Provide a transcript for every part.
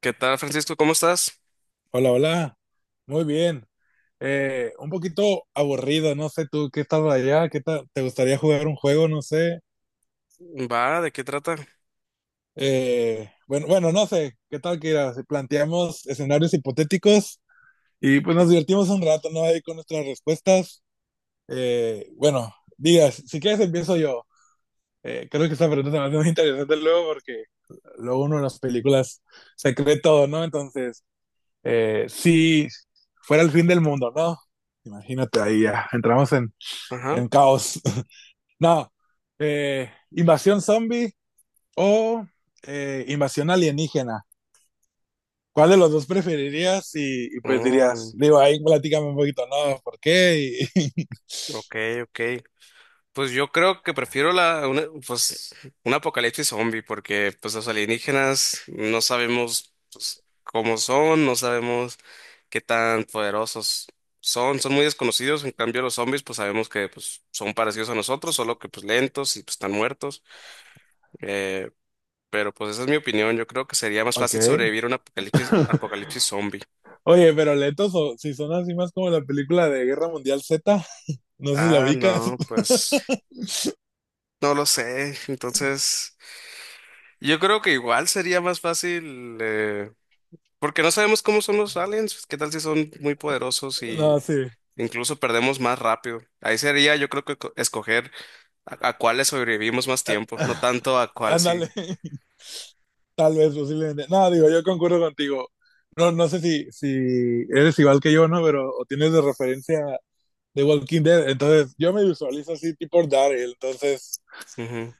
¿Qué tal, Francisco? ¿Cómo estás? Hola, hola. Muy bien. Un poquito aburrido, no sé tú qué estás allá, qué tal, te gustaría jugar un juego, no sé. Va, ¿de qué trata? Bueno, bueno, no sé, qué tal que era, si planteamos escenarios hipotéticos y pues nos divertimos un rato, ¿no? Ahí con nuestras respuestas. Bueno, digas, si quieres empiezo yo. Creo que esta pregunta me hace muy interesante luego porque luego uno en las películas se cree todo, ¿no? Entonces, si fuera el fin del mundo, ¿no? Imagínate ahí, ya entramos en, Ajá. en caos. No, invasión zombie o invasión alienígena. ¿Cuál de los dos preferirías? Y pues dirías, Oh, digo, ahí platícame un poquito, no, ¿por qué? Ok, ok. Pues yo creo que prefiero un apocalipsis zombie, porque pues los alienígenas no sabemos pues, cómo son, no sabemos qué tan poderosos son, son muy desconocidos. En cambio, los zombies, pues sabemos que pues, son parecidos a nosotros, solo que pues lentos y pues están muertos. Eh, pero pues esa es mi opinión. Yo creo que sería más fácil Ok. sobrevivir a un apocalipsis zombie. Oye, pero lentos, o si son así más como la película de Guerra Mundial Z, no sé si la Ah, ubicas. no, pues no lo sé. Entonces, yo creo que igual sería más fácil, porque no sabemos cómo son los aliens. ¿Qué tal si son muy poderosos y No, sí. incluso perdemos más rápido? Ahí sería, yo creo que escoger a cuáles sobrevivimos más tiempo, no tanto a cuál sí. Ándale. Tal vez, posiblemente. No, digo, yo concuerdo contigo. No, no sé si eres igual que yo, ¿no? Pero o tienes de referencia de Walking Dead. Entonces, yo me visualizo así, tipo Daryl. Entonces, Ujú.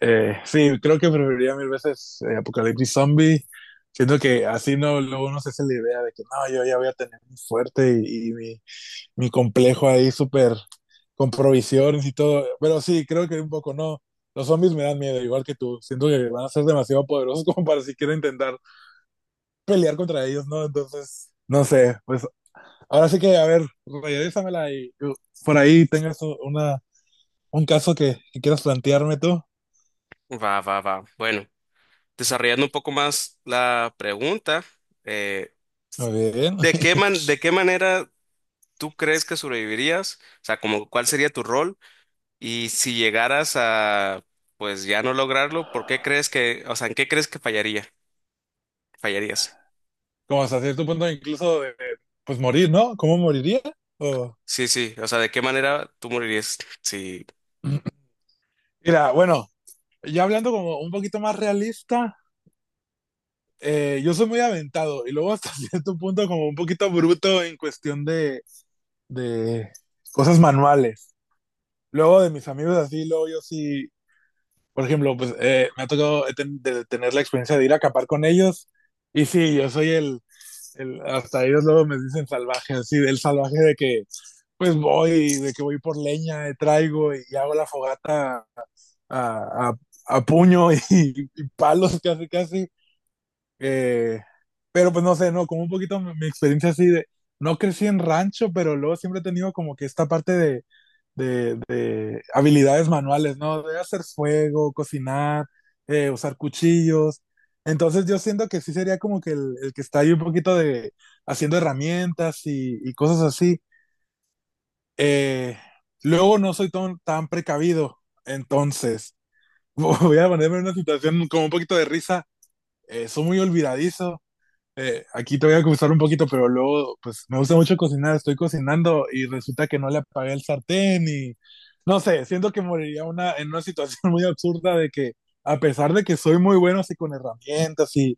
sí, creo que preferiría mil veces Apocalipsis Zombie. Siento que así no, luego no se hace la idea de que no, yo ya voy a tener mi fuerte y mi complejo ahí súper con provisiones y todo. Pero sí, creo que un poco no. Los zombies me dan miedo, igual que tú. Siento que van a ser demasiado poderosos como para siquiera intentar pelear contra ellos, ¿no? Entonces, no sé, pues ahora sí que, a ver, regresamela y por ahí tengas un caso que quieras plantearme tú. Va, va, va. Bueno, desarrollando un poco más la pregunta, eh, Muy bien. ¿De qué manera tú crees que sobrevivirías? O sea, como, ¿cuál sería tu rol? Y si llegaras a, pues ya no lograrlo, ¿por qué crees que, o sea, en qué crees que fallaría? Fallarías. Como hasta cierto punto incluso pues morir, ¿no? ¿Cómo moriría? O... Sí, sí, o sea, ¿de qué manera tú morirías? Sí, Mira, bueno, ya hablando como un poquito más realista, yo soy muy aventado y luego hasta cierto punto como un poquito bruto en cuestión de cosas manuales. Luego de mis amigos así, luego yo sí. Por ejemplo, pues me ha tocado de tener la experiencia de ir a acampar con ellos. Y sí, yo soy hasta ellos luego me dicen salvaje, así, del salvaje de que pues voy, de que voy por leña, traigo y hago la fogata a, a- a puño y palos casi casi. Eh, pero pues no sé, no, como un poquito mi experiencia así de, no crecí en rancho, pero luego siempre he tenido como que esta parte de, de habilidades manuales, ¿no? De hacer fuego, cocinar, usar cuchillos. Entonces yo siento que sí sería como que el que está ahí un poquito de haciendo herramientas y cosas así. Eh, Luego no soy tan precavido, entonces voy a ponerme en una situación como un poquito de risa. Soy muy olvidadizo, aquí te voy a gustar un poquito, pero luego, pues me gusta mucho cocinar, estoy cocinando y resulta que no le apagué el sartén y no sé, siento que moriría en una situación muy absurda de que a pesar de que soy muy bueno así con herramientas y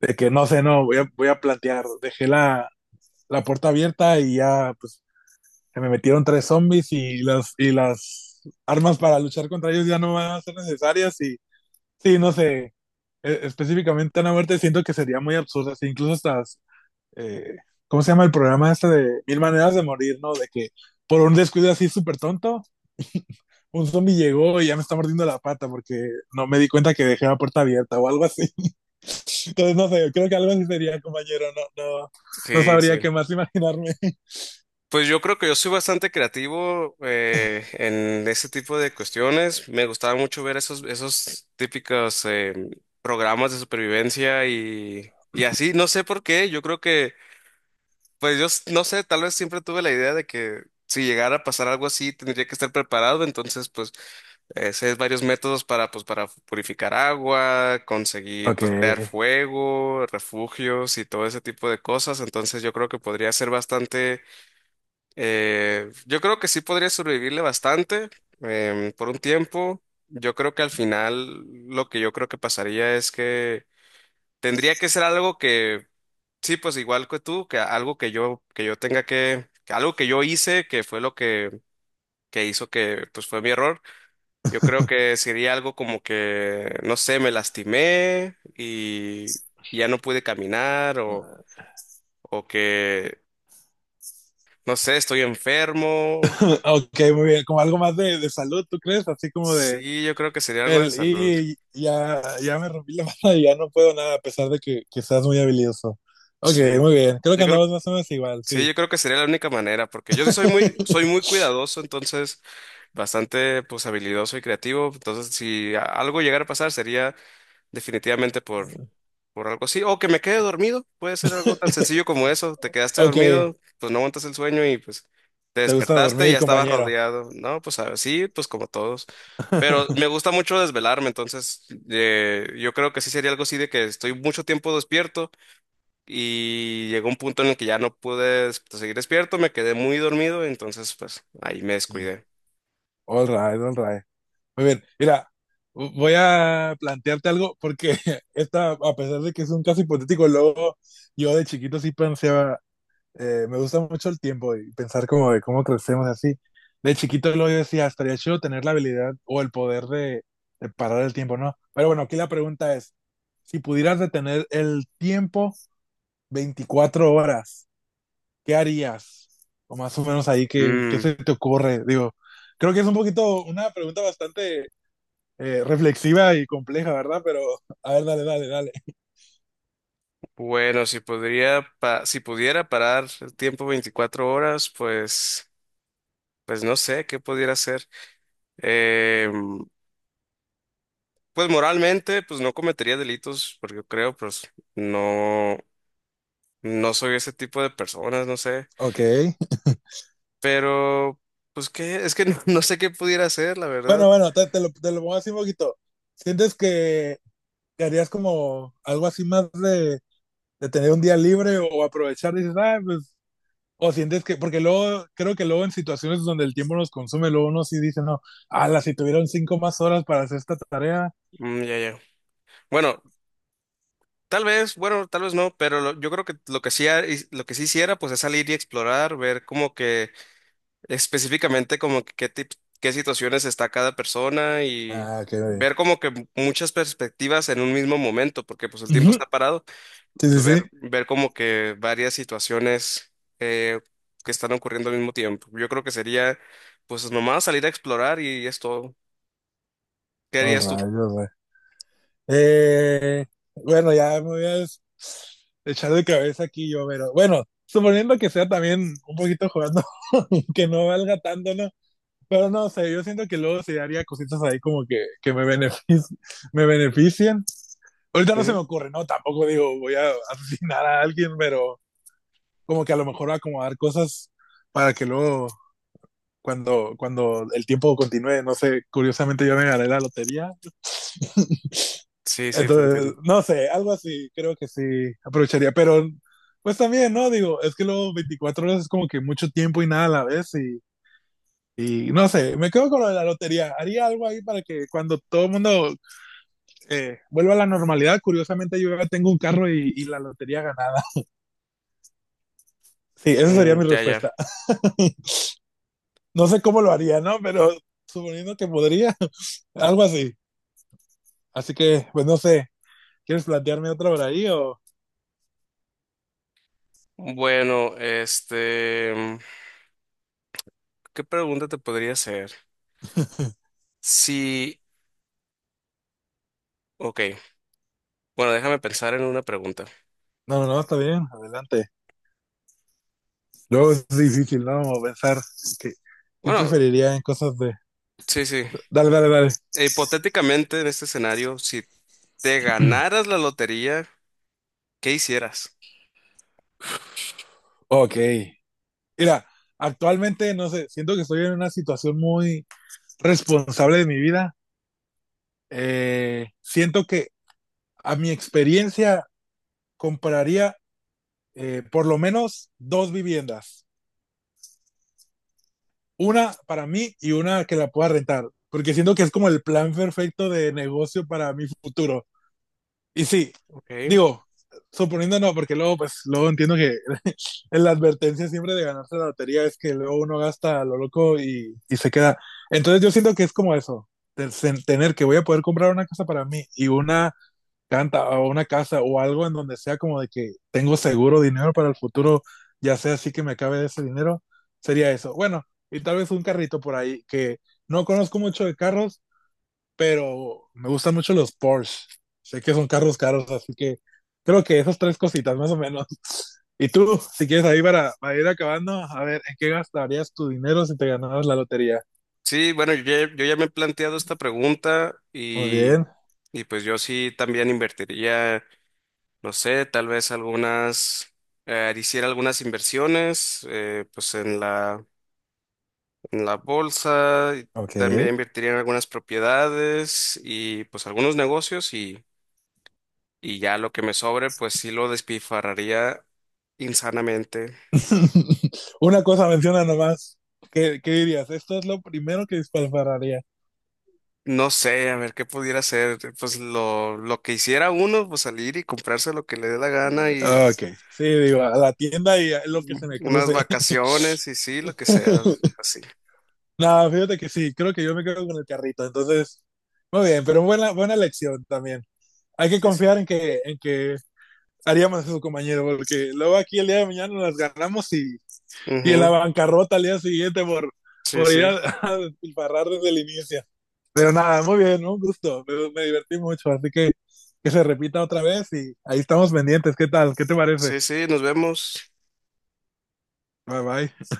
de que no sé, no, voy a plantear, dejé la puerta abierta y ya, pues se me metieron tres zombies y y las armas para luchar contra ellos ya no van a ser necesarias y sí, no sé, específicamente una muerte siento que sería muy absurda, así, incluso hasta eh, ¿cómo se llama el programa este de Mil Maneras de Morir, ¿no? De que por un descuido así súper tonto, un zombie llegó y ya me está mordiendo la pata porque no me di cuenta que dejé la puerta abierta o algo así. Entonces, no sé, creo que algo así sería, compañero, no, no, no sí, sabría sí. qué más imaginarme. Pues yo creo que yo soy bastante creativo en ese tipo de cuestiones. Me gustaba mucho ver esos típicos programas de supervivencia y así. No sé por qué. Yo creo que, pues yo no sé, tal vez siempre tuve la idea de que si llegara a pasar algo así, tendría que estar preparado. Entonces, pues ese es varios métodos para, pues, para purificar agua, conseguir, Ok. pues, crear fuego, refugios y todo ese tipo de cosas. Entonces yo creo que podría ser bastante, yo creo que sí podría sobrevivirle bastante por un tiempo. Yo creo que al final lo que yo creo que pasaría es que tendría que ser algo que, sí, pues igual que tú, que algo que yo tenga que algo que yo hice, que fue lo que hizo que, pues fue mi error. Yo creo que sería algo como que, no sé, me lastimé y ya no pude caminar o que, no sé, estoy enfermo. Ok, muy bien, como algo más de, salud, ¿tú crees? Así como de, Sí, yo creo que sería algo de el, salud. y ya, ya me rompí la mano y ya no puedo nada, a pesar de que seas muy habilidoso. Ok, Sí. muy bien. Creo que Yo creo, andamos más o menos igual, sí, sí. yo creo que sería la única manera, porque yo sí soy muy cuidadoso, entonces bastante pues habilidoso y creativo. Entonces, si a- algo llegara a pasar, sería definitivamente por algo así. O que me quede dormido, puede ser algo tan sencillo como eso. Te quedaste Ok, dormido, pues no aguantas el sueño y pues te te gusta despertaste y dormir, ya estabas compañero. rodeado. No, pues así, pues como todos. Pero me gusta mucho desvelarme, entonces yo creo que sí sería algo así de que estoy mucho tiempo despierto y llegó un punto en el que ya no seguir despierto, me quedé muy dormido, entonces pues ahí me Y, descuidé. All right, all right. Muy bien, mira, voy a plantearte algo porque esta, a pesar de que es un caso hipotético, luego yo de chiquito sí pensaba, me gusta mucho el tiempo y pensar como de cómo crecemos así. De chiquito luego yo decía, estaría chido tener la habilidad o el poder de, parar el tiempo, ¿no? Pero bueno, aquí la pregunta es, si pudieras detener el tiempo 24 horas, ¿qué harías? O más o menos ahí, ¿qué Mm. se te ocurre? Digo, creo que es un poquito una pregunta bastante reflexiva y compleja, ¿verdad? Pero, a ver, dale, dale, dale. Bueno, si pudiera parar el tiempo 24 horas, pues, pues no sé qué pudiera hacer. Eh, pues moralmente, pues no cometería delitos, porque yo creo, pues no, no soy ese tipo de personas, no sé. Ok. Pero, pues qué, es que no, no sé qué pudiera hacer, la verdad. Bueno, bueno, te lo pongo así un poquito. ¿Sientes que, harías como algo así más de tener un día libre o aprovechar? Dices, ah, pues, o sientes que, porque luego, creo que luego en situaciones donde el tiempo nos consume, luego uno sí dice, no, ala, si tuvieron cinco más horas para hacer esta tarea. Mm, ya, ya. Bueno, bueno, tal vez no, pero yo creo que lo que sí, lo que sí hiciera, pues es salir y explorar, ver como que específicamente como que qué situaciones está cada persona y Ah, qué bien. ver como que muchas perspectivas en un mismo momento, porque pues el tiempo Ujú, está parado y sí, sí, pues ver, sí. ver como que varias situaciones eh, que están ocurriendo al mismo tiempo. Yo creo que sería pues nomás salir a explorar y es todo. ¿Qué Oh, harías tú? rayos, güey. Eh, bueno, ya me voy a echar de cabeza aquí yo, pero bueno, suponiendo que sea también un poquito jugando, que no valga tanto, ¿no? Pero no sé, yo siento que luego se haría cositas ahí como que me beneficien, me beneficien. Ahorita no se Ujú. me ocurre, ¿no? Tampoco digo voy a asesinar a alguien, pero como que a lo mejor acomodar cosas para que luego, cuando el tiempo continúe, no sé, curiosamente yo me gané la lotería. Sí, sí, te Entonces, entiendo. no sé, algo así, creo que sí aprovecharía, pero pues también, ¿no? Digo, es que luego 24 horas es como que mucho tiempo y nada a la vez y no sé, me quedo con lo de la lotería. Haría algo ahí para que cuando todo el mundo vuelva a la normalidad, curiosamente yo ya tengo un carro y la lotería ganada. Sí, esa sería Mm, mi ya, ya. respuesta. No sé cómo lo haría, ¿no? Pero suponiendo que podría, algo así. Así que, pues no sé, ¿quieres plantearme otra por ahí o...? Bueno, este, mm, ¿qué pregunta te podría hacer? Sí, ok. Bueno, déjame pensar en una pregunta. No, no, está bien, adelante. Luego es difícil, ¿no? Como pensar que, qué Bueno, preferiría en cosas de... sí, sí. Dale, dale, dale. E hipotéticamente, en este escenario, si te ganaras la lotería, ¿qué hicieras? Ok. Mira, actualmente, no sé, siento que estoy en una situación muy responsable de mi vida. Siento que a mi experiencia compraría por lo menos dos viviendas. Una para mí y una que la pueda rentar. Porque siento que es como el plan perfecto de negocio para mi futuro. Y sí, Ok. digo, suponiendo no, porque luego, pues, luego entiendo que la advertencia siempre de ganarse la lotería es que luego uno gasta a lo loco y se queda. Entonces yo siento que es como eso, el tener que voy a poder comprar una casa para mí y una canta o una casa o algo en donde sea como de que tengo seguro dinero para el futuro, ya sea así que me cabe ese dinero, sería eso. Bueno, y tal vez un carrito por ahí que no conozco mucho de carros, pero me gustan mucho los Porsche. Sé que son carros caros, así que creo que esas tres cositas más o menos. Y tú, si quieres ahí para ir acabando, a ver, ¿en qué gastarías tu dinero si te ganabas la lotería? Sí, bueno, yo ya me he planteado esta pregunta Muy bien, y pues yo sí también invertiría, no sé, tal vez algunas, hiciera algunas inversiones, pues en la bolsa, y ok. también invertiría en algunas propiedades y pues algunos negocios y ya lo que me sobre, pues sí lo despifarraría insanamente. Una cosa menciona nomás. ¿Qué dirías? Esto es lo primero que dispararía. No sé, a ver qué pudiera hacer. Pues lo que hiciera uno, pues salir y comprarse lo que le dé la gana y Ok, sí, digo, a la tienda y a lo que mm, se me unas cruce. vacaciones y sí, lo que sea, así. No fíjate que sí, creo que yo me quedo con el carrito, entonces, muy bien, pero buena, buena elección también. Hay que Sí, sí. confiar en que haríamos eso, compañero, porque luego aquí el día de mañana nos las ganamos y en la Ujú, bancarrota al día siguiente por, sí, por sí. ir a, a despilfarrar desde el inicio. Pero nada, muy bien, ¿no? Un gusto, me divertí mucho, así que se repita otra vez y ahí estamos pendientes. ¿Qué tal? ¿Qué te parece? Sí, sí, nos vemos. Bye bye.